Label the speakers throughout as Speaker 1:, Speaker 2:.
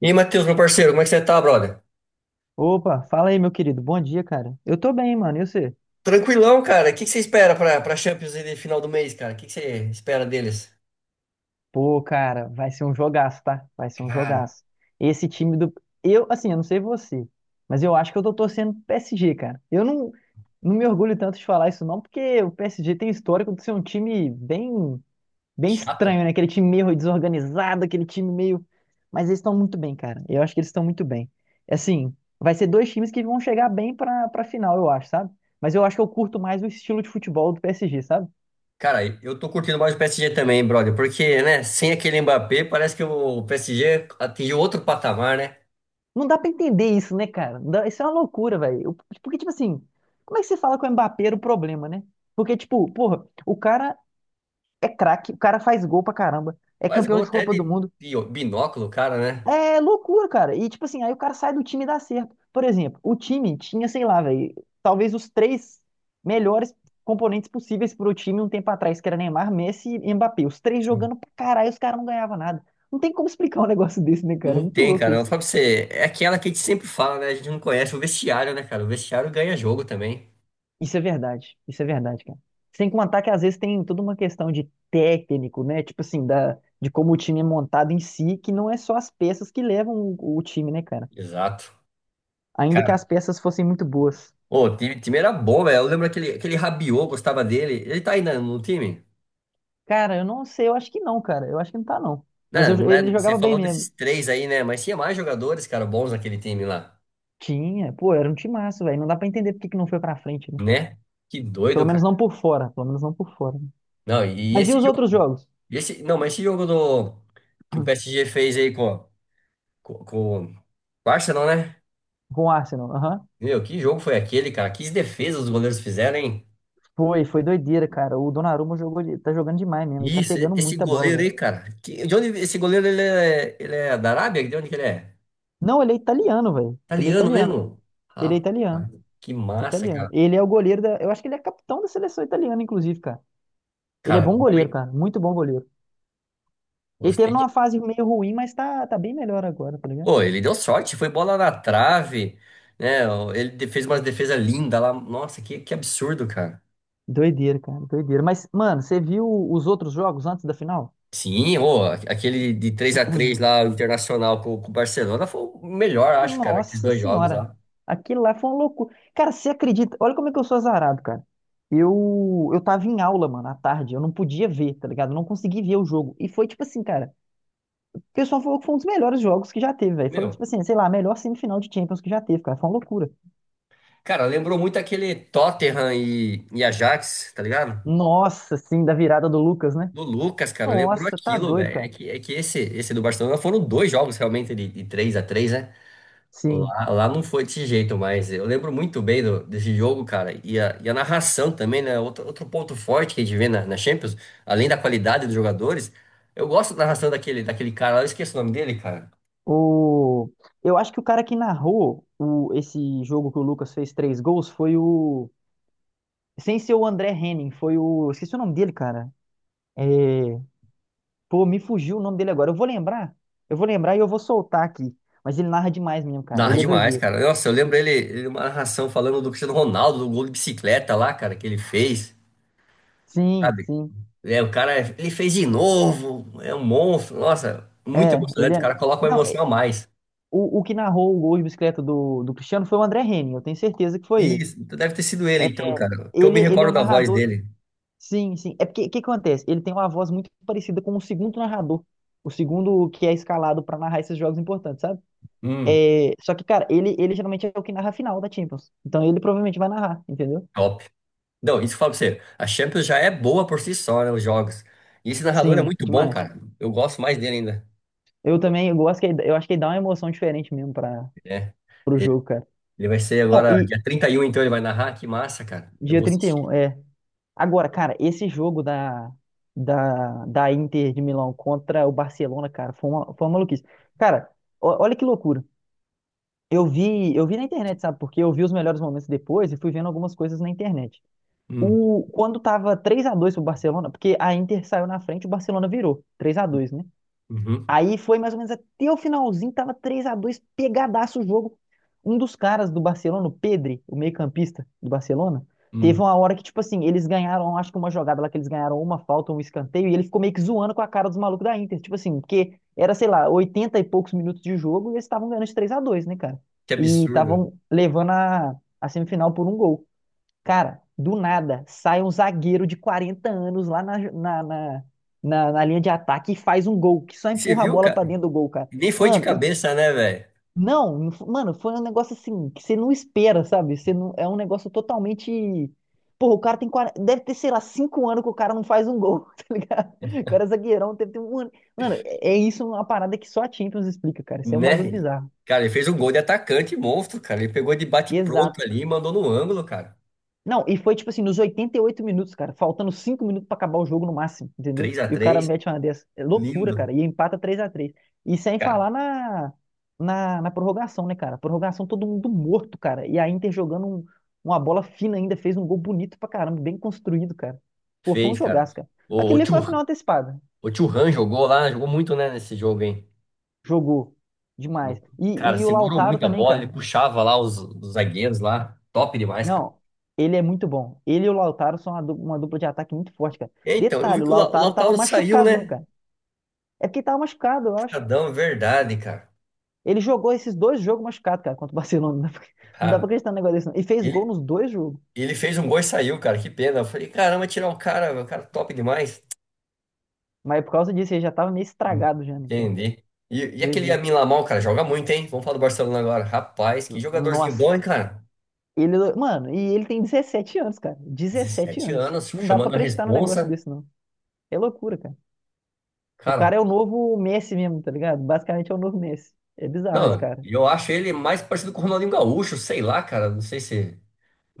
Speaker 1: E aí, Matheus, meu parceiro, como é que você tá, brother?
Speaker 2: Opa, fala aí, meu querido. Bom dia, cara. Eu tô bem, mano. E você?
Speaker 1: Tranquilão, cara. O que que você espera pra Champions aí de final do mês, cara? O que que você espera deles?
Speaker 2: Pô, cara, vai ser um jogaço, tá? Vai ser um
Speaker 1: Cara.
Speaker 2: jogaço. Esse time do. Eu, assim, eu não sei você, mas eu acho que eu tô torcendo pro PSG, cara. Eu não, Não me orgulho tanto de falar isso, não, porque o PSG tem histórico de ser um time bem, bem
Speaker 1: Chato.
Speaker 2: estranho, né? Aquele time meio desorganizado, aquele time meio. Mas eles estão muito bem, cara. Eu acho que eles estão muito bem. Assim, vai ser dois times que vão chegar bem pra final, eu acho, sabe? Mas eu acho que eu curto mais o estilo de futebol do PSG, sabe?
Speaker 1: Cara, eu tô curtindo mais o PSG também, brother, porque, né, sem aquele Mbappé, parece que o PSG atingiu outro patamar, né?
Speaker 2: Não dá pra entender isso, né, cara? Não dá- Isso é uma loucura, velho. Porque, tipo assim, como é que você fala com o Mbappé era o problema, né? Porque, tipo, porra, o cara é craque, o cara faz gol pra caramba, é
Speaker 1: Faz
Speaker 2: campeão
Speaker 1: gol
Speaker 2: de
Speaker 1: até
Speaker 2: Copa do
Speaker 1: de,
Speaker 2: Mundo.
Speaker 1: de binóculo, cara, né?
Speaker 2: É loucura, cara. E, tipo assim, aí o cara sai do time e dá certo. Por exemplo, o time tinha, sei lá, velho, talvez os três melhores componentes possíveis pro time um tempo atrás, que era Neymar, Messi e Mbappé. Os três
Speaker 1: Sim.
Speaker 2: jogando pra caralho, os caras não ganhavam nada. Não tem como explicar um negócio desse, né, cara? É
Speaker 1: Não
Speaker 2: muito
Speaker 1: tem,
Speaker 2: louco
Speaker 1: cara. Eu
Speaker 2: isso.
Speaker 1: falo pra você, é aquela que a gente sempre fala, né? A gente não conhece o vestiário, né, cara? O vestiário ganha jogo também.
Speaker 2: Isso é verdade, cara. Sem contar que às vezes tem toda uma questão de técnico, né? Tipo assim, de como o time é montado em si, que não é só as peças que levam o time, né, cara?
Speaker 1: Exato.
Speaker 2: Ainda que as peças fossem muito boas.
Speaker 1: Ô, o time era bom, velho. Eu lembro aquele Rabiot, gostava dele. Ele tá aí na- no time?
Speaker 2: Cara, eu não sei, eu acho que não, cara. Eu acho que não tá, não. Mas
Speaker 1: Né. Não, é,
Speaker 2: ele
Speaker 1: você
Speaker 2: jogava bem
Speaker 1: falou desses
Speaker 2: mesmo.
Speaker 1: três aí, né? Mas tinha mais jogadores, cara, bons naquele time lá,
Speaker 2: Tinha, pô, era um timaço, velho. Não dá pra entender por que que não foi pra frente, né?
Speaker 1: né? Que
Speaker 2: Pelo
Speaker 1: doido,
Speaker 2: menos
Speaker 1: cara.
Speaker 2: não por fora, pelo menos não por fora, né?
Speaker 1: Não, e
Speaker 2: Mas e
Speaker 1: esse
Speaker 2: os
Speaker 1: jogo,
Speaker 2: outros jogos?
Speaker 1: esse, não, mas esse jogo do, que o PSG fez aí com, com o Arsenal, né?
Speaker 2: Com o Arsenal, aham.
Speaker 1: Meu, que jogo foi aquele, cara? Que defesas os goleiros fizeram, hein?
Speaker 2: Foi doideira, cara. O Donnarumma jogou, tá jogando demais mesmo. Ele tá
Speaker 1: Isso, e-
Speaker 2: pegando
Speaker 1: esse
Speaker 2: muita bola,
Speaker 1: goleiro
Speaker 2: velho.
Speaker 1: aí, cara. Que, de onde esse goleiro ele é da Arábia? De onde que ele é?
Speaker 2: Não, ele é italiano, velho. Ele é
Speaker 1: Italiano
Speaker 2: italiano.
Speaker 1: mesmo?
Speaker 2: Ele é
Speaker 1: Rapaz,
Speaker 2: italiano.
Speaker 1: que massa,
Speaker 2: Italiano.
Speaker 1: cara.
Speaker 2: Ele é o goleiro da. Eu acho que ele é capitão da seleção italiana, inclusive, cara. Ele é
Speaker 1: Cara,
Speaker 2: bom
Speaker 1: bom, hein?
Speaker 2: goleiro, cara. Muito bom goleiro. Ele teve
Speaker 1: Gostei.
Speaker 2: numa fase meio ruim, mas tá bem melhor agora, tá ligado?
Speaker 1: Pô, ele deu sorte, foi bola na trave, né? Ele de- fez uma defesa linda lá. Nossa, que absurdo, cara.
Speaker 2: Doideira, cara. Doideira. Mas, mano, você viu os outros jogos antes da final?
Speaker 1: Sim, ô, aquele de três a três lá, o Internacional com o Barcelona, foi o melhor, acho, cara, aqueles
Speaker 2: Nossa
Speaker 1: dois jogos
Speaker 2: senhora.
Speaker 1: lá.
Speaker 2: Aquilo lá foi uma loucura. Cara, você acredita? Olha como é que eu sou azarado, cara. Eu tava em aula, mano, à tarde. Eu não podia ver, tá ligado? Eu não consegui ver o jogo. E foi tipo assim, cara. O pessoal falou que foi um dos melhores jogos que já teve, velho. Foi, tipo
Speaker 1: Meu,
Speaker 2: assim, sei lá, a melhor semifinal de Champions que já teve, cara. Foi uma loucura.
Speaker 1: cara, lembrou muito aquele Tottenham e Ajax, tá ligado?
Speaker 2: Nossa, sim, da virada do Lucas, né?
Speaker 1: Do Lucas, cara, lembrou
Speaker 2: Nossa, tá
Speaker 1: aquilo,
Speaker 2: doido,
Speaker 1: velho.
Speaker 2: cara.
Speaker 1: É que esse do Barcelona foram dois jogos realmente de 3x3, né?
Speaker 2: Sim.
Speaker 1: Lá, lá não foi desse jeito, mas eu lembro muito bem do- desse jogo, cara. E a narração também, né? Outro, outro ponto forte que a gente vê na, na Champions, além da qualidade dos jogadores, eu gosto da narração daquele, daquele cara lá, eu esqueço o nome dele, cara.
Speaker 2: O... Eu acho que o cara que narrou o... esse jogo que o Lucas fez 3 gols foi o. Sem ser o André Henning, foi o. Esqueci o nome dele, cara. É... Pô, me fugiu o nome dele agora. Eu vou lembrar. Eu vou lembrar e eu vou soltar aqui. Mas ele narra demais mesmo, cara.
Speaker 1: Narra
Speaker 2: Ele é
Speaker 1: demais,
Speaker 2: doideiro.
Speaker 1: cara. Nossa, eu lembro ele, ele uma narração falando do Cristiano Ronaldo, do gol de bicicleta lá, cara, que ele fez,
Speaker 2: Sim,
Speaker 1: sabe?
Speaker 2: sim.
Speaker 1: É, o cara, é- ele fez de novo, é um monstro. Nossa, muito
Speaker 2: É, ele
Speaker 1: emocionante, o
Speaker 2: é.
Speaker 1: cara coloca uma
Speaker 2: Não,
Speaker 1: emoção a mais.
Speaker 2: o que narrou o gol de bicicleta do Cristiano foi o André Henning, eu tenho certeza que foi ele.
Speaker 1: Isso, então deve ter sido ele,
Speaker 2: É,
Speaker 1: então, cara, que eu
Speaker 2: ele,
Speaker 1: me
Speaker 2: ele é um
Speaker 1: recordo da voz
Speaker 2: narrador.
Speaker 1: dele.
Speaker 2: Sim, sim. É porque o que acontece? Ele tem uma voz muito parecida com o segundo narrador. O segundo que é escalado para narrar esses jogos importantes, sabe?
Speaker 1: Hum.
Speaker 2: É, só que, cara, ele geralmente é o que narra a final da Champions. Então ele provavelmente vai narrar, entendeu?
Speaker 1: Top. Não, isso que eu falo pra você. A Champions já é boa por si só, né? Os jogos. E esse narrador é
Speaker 2: Sim,
Speaker 1: muito bom,
Speaker 2: demais.
Speaker 1: cara. Eu gosto mais dele ainda.
Speaker 2: Eu também eu gosto que eu acho que ele dá uma emoção diferente mesmo para
Speaker 1: É.
Speaker 2: pro
Speaker 1: Ele
Speaker 2: jogo, cara.
Speaker 1: ele vai ser
Speaker 2: Não,
Speaker 1: agora,
Speaker 2: e
Speaker 1: dia 31 então ele vai narrar. Que massa, cara. Eu
Speaker 2: dia
Speaker 1: vou
Speaker 2: trinta e
Speaker 1: assistir.
Speaker 2: um é. Agora, cara, esse jogo da Inter de Milão contra o Barcelona, cara, foi uma maluquice. Cara, olha que loucura. Eu vi na internet, sabe? Porque eu vi os melhores momentos depois e fui vendo algumas coisas na internet.
Speaker 1: Hum,
Speaker 2: Quando tava 3-2 pro Barcelona, porque a Inter saiu na frente, o Barcelona virou 3-2, né?
Speaker 1: uhum.
Speaker 2: Aí foi mais ou menos até o finalzinho, tava 3-2, pegadaço o jogo. Um dos caras do Barcelona, o Pedri, o meio-campista do Barcelona,
Speaker 1: hum.
Speaker 2: teve uma hora que, tipo assim, eles ganharam, acho que uma jogada lá que eles ganharam uma falta, um escanteio, e ele ficou meio que zoando com a cara dos malucos da Inter. Tipo assim, porque era, sei lá, 80 e poucos minutos de jogo e eles estavam ganhando de 3x2, né, cara?
Speaker 1: Que
Speaker 2: E
Speaker 1: absurdo.
Speaker 2: estavam levando a semifinal por um gol. Cara, do nada sai um zagueiro de 40 anos lá na linha de ataque e faz um gol, que só
Speaker 1: Você
Speaker 2: empurra a
Speaker 1: viu,
Speaker 2: bola
Speaker 1: cara?
Speaker 2: pra dentro do gol, cara.
Speaker 1: Nem foi de
Speaker 2: Mano, e t-
Speaker 1: cabeça, né, velho?
Speaker 2: não, não f- mano, foi um negócio assim que você não espera, sabe? Você não, é um negócio totalmente. Porra, o cara tem 40, deve ter, sei lá, 5 anos que o cara não faz um gol, tá ligado? O cara é zagueirão, deve ter um ano. Mano, é isso uma parada que só a Champions explica, cara. Isso é um bagulho
Speaker 1: Né?
Speaker 2: bizarro.
Speaker 1: Cara, ele fez um gol de atacante monstro, cara. Ele pegou de bate-pronto
Speaker 2: Exato.
Speaker 1: ali e mandou no ângulo, cara.
Speaker 2: Não, e foi tipo assim, nos 88 minutos, cara, faltando 5 minutos pra acabar o jogo no máximo, entendeu?
Speaker 1: Três a
Speaker 2: E o cara
Speaker 1: três.
Speaker 2: mete uma dessa. É loucura,
Speaker 1: Lindo,
Speaker 2: cara, e empata 3-3. E sem
Speaker 1: cara.
Speaker 2: falar na, na prorrogação, né, cara? Prorrogação todo mundo morto, cara. E a Inter jogando uma bola fina ainda, fez um gol bonito pra caramba, bem construído, cara. Pô, foi um
Speaker 1: Fez, cara.
Speaker 2: jogaço, cara.
Speaker 1: O, o
Speaker 2: Aquele ali foi a final antecipada.
Speaker 1: O Thuram jogou lá, jogou muito, né, nesse jogo, hein?
Speaker 2: Jogou demais.
Speaker 1: Cara,
Speaker 2: E o
Speaker 1: segurou
Speaker 2: Lautaro
Speaker 1: muito a
Speaker 2: também,
Speaker 1: bola, ele
Speaker 2: cara.
Speaker 1: puxava lá os zagueiros lá. Top demais, cara.
Speaker 2: Não, ele é muito bom. Ele e o Lautaro são uma dupla de ataque muito forte, cara.
Speaker 1: É. Então, eu vi
Speaker 2: Detalhe, o
Speaker 1: que o, La- o
Speaker 2: Lautaro tava
Speaker 1: Lautaro saiu,
Speaker 2: machucado, né,
Speaker 1: né?
Speaker 2: cara? É porque ele tava machucado, eu acho.
Speaker 1: Chocadão, é verdade, cara.
Speaker 2: Ele jogou esses dois jogos machucado, cara, contra o Barcelona. Não dá pra, não dá pra
Speaker 1: Cara,
Speaker 2: acreditar no negócio desse, não. E fez gol
Speaker 1: ele,
Speaker 2: nos dois jogos.
Speaker 1: ele fez um gol e saiu, cara. Que pena. Eu falei, caramba, tirar o cara top demais.
Speaker 2: Mas por causa disso, ele já tava meio
Speaker 1: Hum.
Speaker 2: estragado já, né, cara?
Speaker 1: Entendi. E aquele
Speaker 2: Doideira.
Speaker 1: Yamin Lamal, cara, joga muito, hein? Vamos falar do Barcelona agora. Rapaz, que jogadorzinho
Speaker 2: Nossa.
Speaker 1: bom, hein, cara?
Speaker 2: Mano, ele tem 17 anos, cara. 17
Speaker 1: 17
Speaker 2: anos.
Speaker 1: anos,
Speaker 2: Não dá pra
Speaker 1: chamando a
Speaker 2: acreditar no negócio
Speaker 1: responsa.
Speaker 2: desse, não. É loucura, cara. O
Speaker 1: Cara.
Speaker 2: cara é o novo Messi mesmo, tá ligado? Basicamente é o novo Messi. É bizarro esse
Speaker 1: Não,
Speaker 2: cara.
Speaker 1: e eu acho ele mais parecido com o Ronaldinho Gaúcho, sei lá, cara. Não sei se.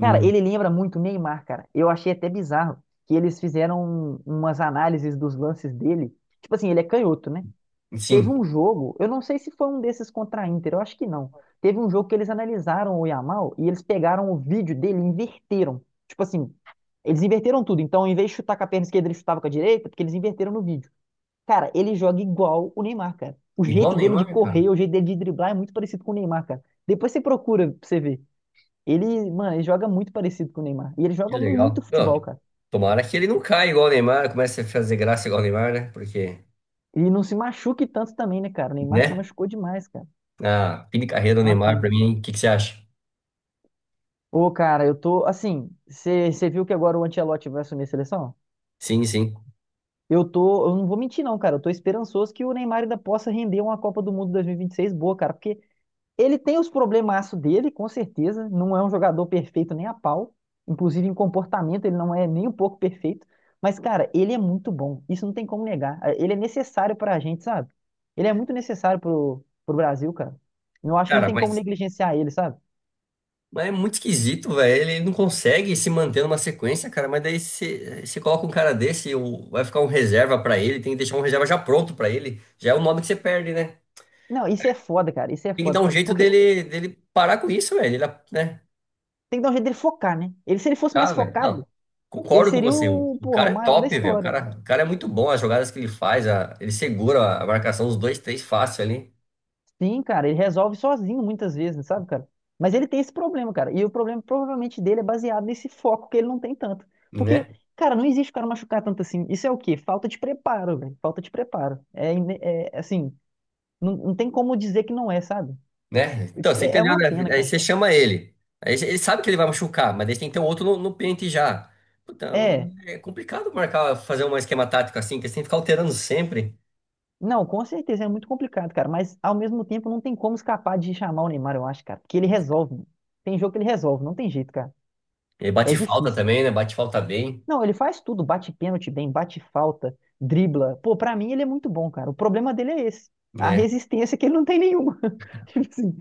Speaker 2: Cara, ele lembra muito o Neymar, cara. Eu achei até bizarro que eles fizeram umas análises dos lances dele. Tipo assim, ele é canhoto, né? Teve
Speaker 1: Sim,
Speaker 2: um jogo, eu não sei se foi um desses contra a Inter, eu acho que não. Teve um jogo que eles analisaram o Yamal e eles pegaram o vídeo dele e inverteram. Tipo assim, eles inverteram tudo. Então, em vez de chutar com a perna esquerda, ele chutava com a direita, porque eles inverteram no vídeo. Cara, ele joga igual o Neymar, cara. O
Speaker 1: igual o
Speaker 2: jeito dele de
Speaker 1: Neymar, cara.
Speaker 2: correr, o jeito dele de driblar é muito parecido com o Neymar, cara. Depois você procura pra você ver. Mano, ele joga muito parecido com o Neymar. E ele
Speaker 1: Que
Speaker 2: joga muito
Speaker 1: legal.
Speaker 2: futebol,
Speaker 1: Não,
Speaker 2: cara.
Speaker 1: tomara que ele não caia igual o Neymar, comece a fazer graça igual o Neymar, né? Porque,
Speaker 2: E não se machuque tanto também, né, cara? O Neymar se
Speaker 1: né?
Speaker 2: machucou demais, cara.
Speaker 1: A fim de carreira do
Speaker 2: É uma
Speaker 1: Neymar, pra
Speaker 2: pena.
Speaker 1: mim, o que que você acha?
Speaker 2: Ô, cara, eu tô, assim, você viu que agora o Ancelotti vai assumir a seleção?
Speaker 1: Sim, sim.
Speaker 2: Eu não vou mentir não, cara, eu tô esperançoso que o Neymar ainda possa render uma Copa do Mundo 2026 boa, cara, porque ele tem os problemaços dele, com certeza. Não é um jogador perfeito nem a pau. Inclusive, em comportamento, ele não é nem um pouco perfeito. Mas, cara, ele é muito bom. Isso não tem como negar. Ele é necessário pra gente, sabe? Ele é muito necessário pro Brasil, cara. Eu acho que não
Speaker 1: Cara,
Speaker 2: tem como negligenciar ele, sabe?
Speaker 1: mas é muito esquisito, velho. Ele não consegue se manter numa sequência, cara. Mas daí você coloca um cara desse, o- vai ficar um reserva pra ele, tem que deixar um reserva já pronto pra ele. Já é o nome que você perde, né?
Speaker 2: Não, isso é foda, cara. Isso é
Speaker 1: Tem que dar
Speaker 2: foda.
Speaker 1: um jeito
Speaker 2: Porque
Speaker 1: dele parar com isso, velho. Ele, né?
Speaker 2: tem que dar um jeito dele focar, né? Se ele fosse
Speaker 1: Ah,
Speaker 2: mais
Speaker 1: velho. Não,
Speaker 2: focado, ele
Speaker 1: concordo com
Speaker 2: seria
Speaker 1: você.
Speaker 2: o,
Speaker 1: O
Speaker 2: porra, o
Speaker 1: cara é
Speaker 2: maior da
Speaker 1: top, velho.
Speaker 2: história, né?
Speaker 1: O cara é muito bom. As jogadas que ele faz, a- ele segura a marcação dos dois, três fácil ali,
Speaker 2: Sim, cara, ele resolve sozinho muitas vezes, sabe, cara? Mas ele tem esse problema, cara. E o problema provavelmente dele é baseado nesse foco que ele não tem tanto. Porque,
Speaker 1: né?
Speaker 2: cara, não existe o cara machucar tanto assim. Isso é o quê? Falta de preparo, velho. Falta de preparo. É, é, assim, não, não tem como dizer que não é, sabe?
Speaker 1: Né? Então, você
Speaker 2: É, é
Speaker 1: entendeu,
Speaker 2: uma
Speaker 1: né?
Speaker 2: pena,
Speaker 1: Aí
Speaker 2: cara.
Speaker 1: você chama ele. Aí ele sabe que ele vai machucar, mas ele tem que ter um outro no, no pente já. Então,
Speaker 2: É.
Speaker 1: é complicado marcar, fazer um esquema tático assim, que você tem que ficar alterando sempre.
Speaker 2: Não, com certeza é muito complicado, cara. Mas ao mesmo tempo não tem como escapar de chamar o Neymar, eu acho, cara. Porque ele resolve. Tem jogo que ele resolve, não tem jeito, cara.
Speaker 1: Ele
Speaker 2: É
Speaker 1: bate falta
Speaker 2: difícil.
Speaker 1: também, né? Bate falta bem,
Speaker 2: Não, ele faz tudo, bate pênalti bem, bate falta, dribla. Pô, pra mim ele é muito bom, cara. O problema dele é esse. A
Speaker 1: né?
Speaker 2: resistência que ele não tem nenhuma. Tipo assim,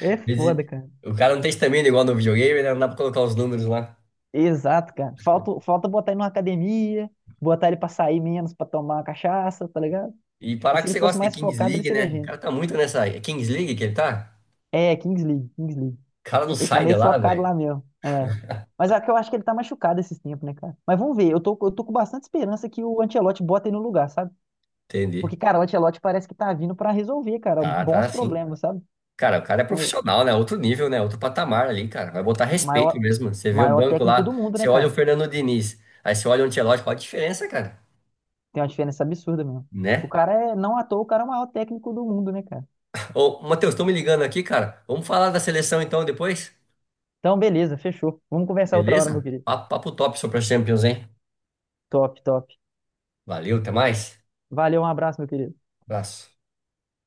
Speaker 2: é
Speaker 1: Às vezes,
Speaker 2: foda, cara.
Speaker 1: o cara não tem estamina igual no videogame, né? Não dá pra colocar os números lá.
Speaker 2: Exato, cara. Falta botar ele numa academia, botar ele pra sair menos, pra tomar uma cachaça, tá ligado?
Speaker 1: E parar
Speaker 2: Se
Speaker 1: que
Speaker 2: ele
Speaker 1: você
Speaker 2: fosse
Speaker 1: gosta de
Speaker 2: mais
Speaker 1: Kings
Speaker 2: focado, ele
Speaker 1: League,
Speaker 2: seria
Speaker 1: né? O
Speaker 2: gênio.
Speaker 1: cara tá muito nessa. É Kings League que ele tá?
Speaker 2: É, Kings League, Kings League.
Speaker 1: O cara não
Speaker 2: Ele tá
Speaker 1: sai de
Speaker 2: meio
Speaker 1: lá,
Speaker 2: focado
Speaker 1: velho.
Speaker 2: lá mesmo. É. Mas é que eu acho que ele tá machucado esses tempos, né, cara? Mas vamos ver. Eu tô com bastante esperança que o Ancelotti bota ele no lugar, sabe? Porque,
Speaker 1: Entendi.
Speaker 2: cara, o Ancelotti parece que tá vindo pra resolver, cara,
Speaker 1: Tá, tá
Speaker 2: bons
Speaker 1: assim.
Speaker 2: problemas, sabe?
Speaker 1: Cara, o cara é
Speaker 2: É,
Speaker 1: profissional, né? Outro nível, né? Outro patamar ali, cara. Vai botar respeito
Speaker 2: maior,
Speaker 1: mesmo. Você vê o
Speaker 2: maior
Speaker 1: banco
Speaker 2: técnico do
Speaker 1: lá,
Speaker 2: mundo, né,
Speaker 1: você olha o
Speaker 2: cara?
Speaker 1: Fernando Diniz, aí você olha o Ancelotti, qual a diferença, cara?
Speaker 2: Tem uma diferença absurda mesmo.
Speaker 1: Né?
Speaker 2: Não à toa, o cara é o maior técnico do mundo, né, cara?
Speaker 1: Ô, Matheus, estão me ligando aqui, cara. Vamos falar da seleção então depois?
Speaker 2: Então, beleza, fechou. Vamos conversar outra hora, meu
Speaker 1: Beleza?
Speaker 2: querido.
Speaker 1: Papo, papo top sobre a Champions, hein?
Speaker 2: Top, top.
Speaker 1: Valeu, até mais.
Speaker 2: Valeu, um abraço, meu querido.
Speaker 1: Abraço.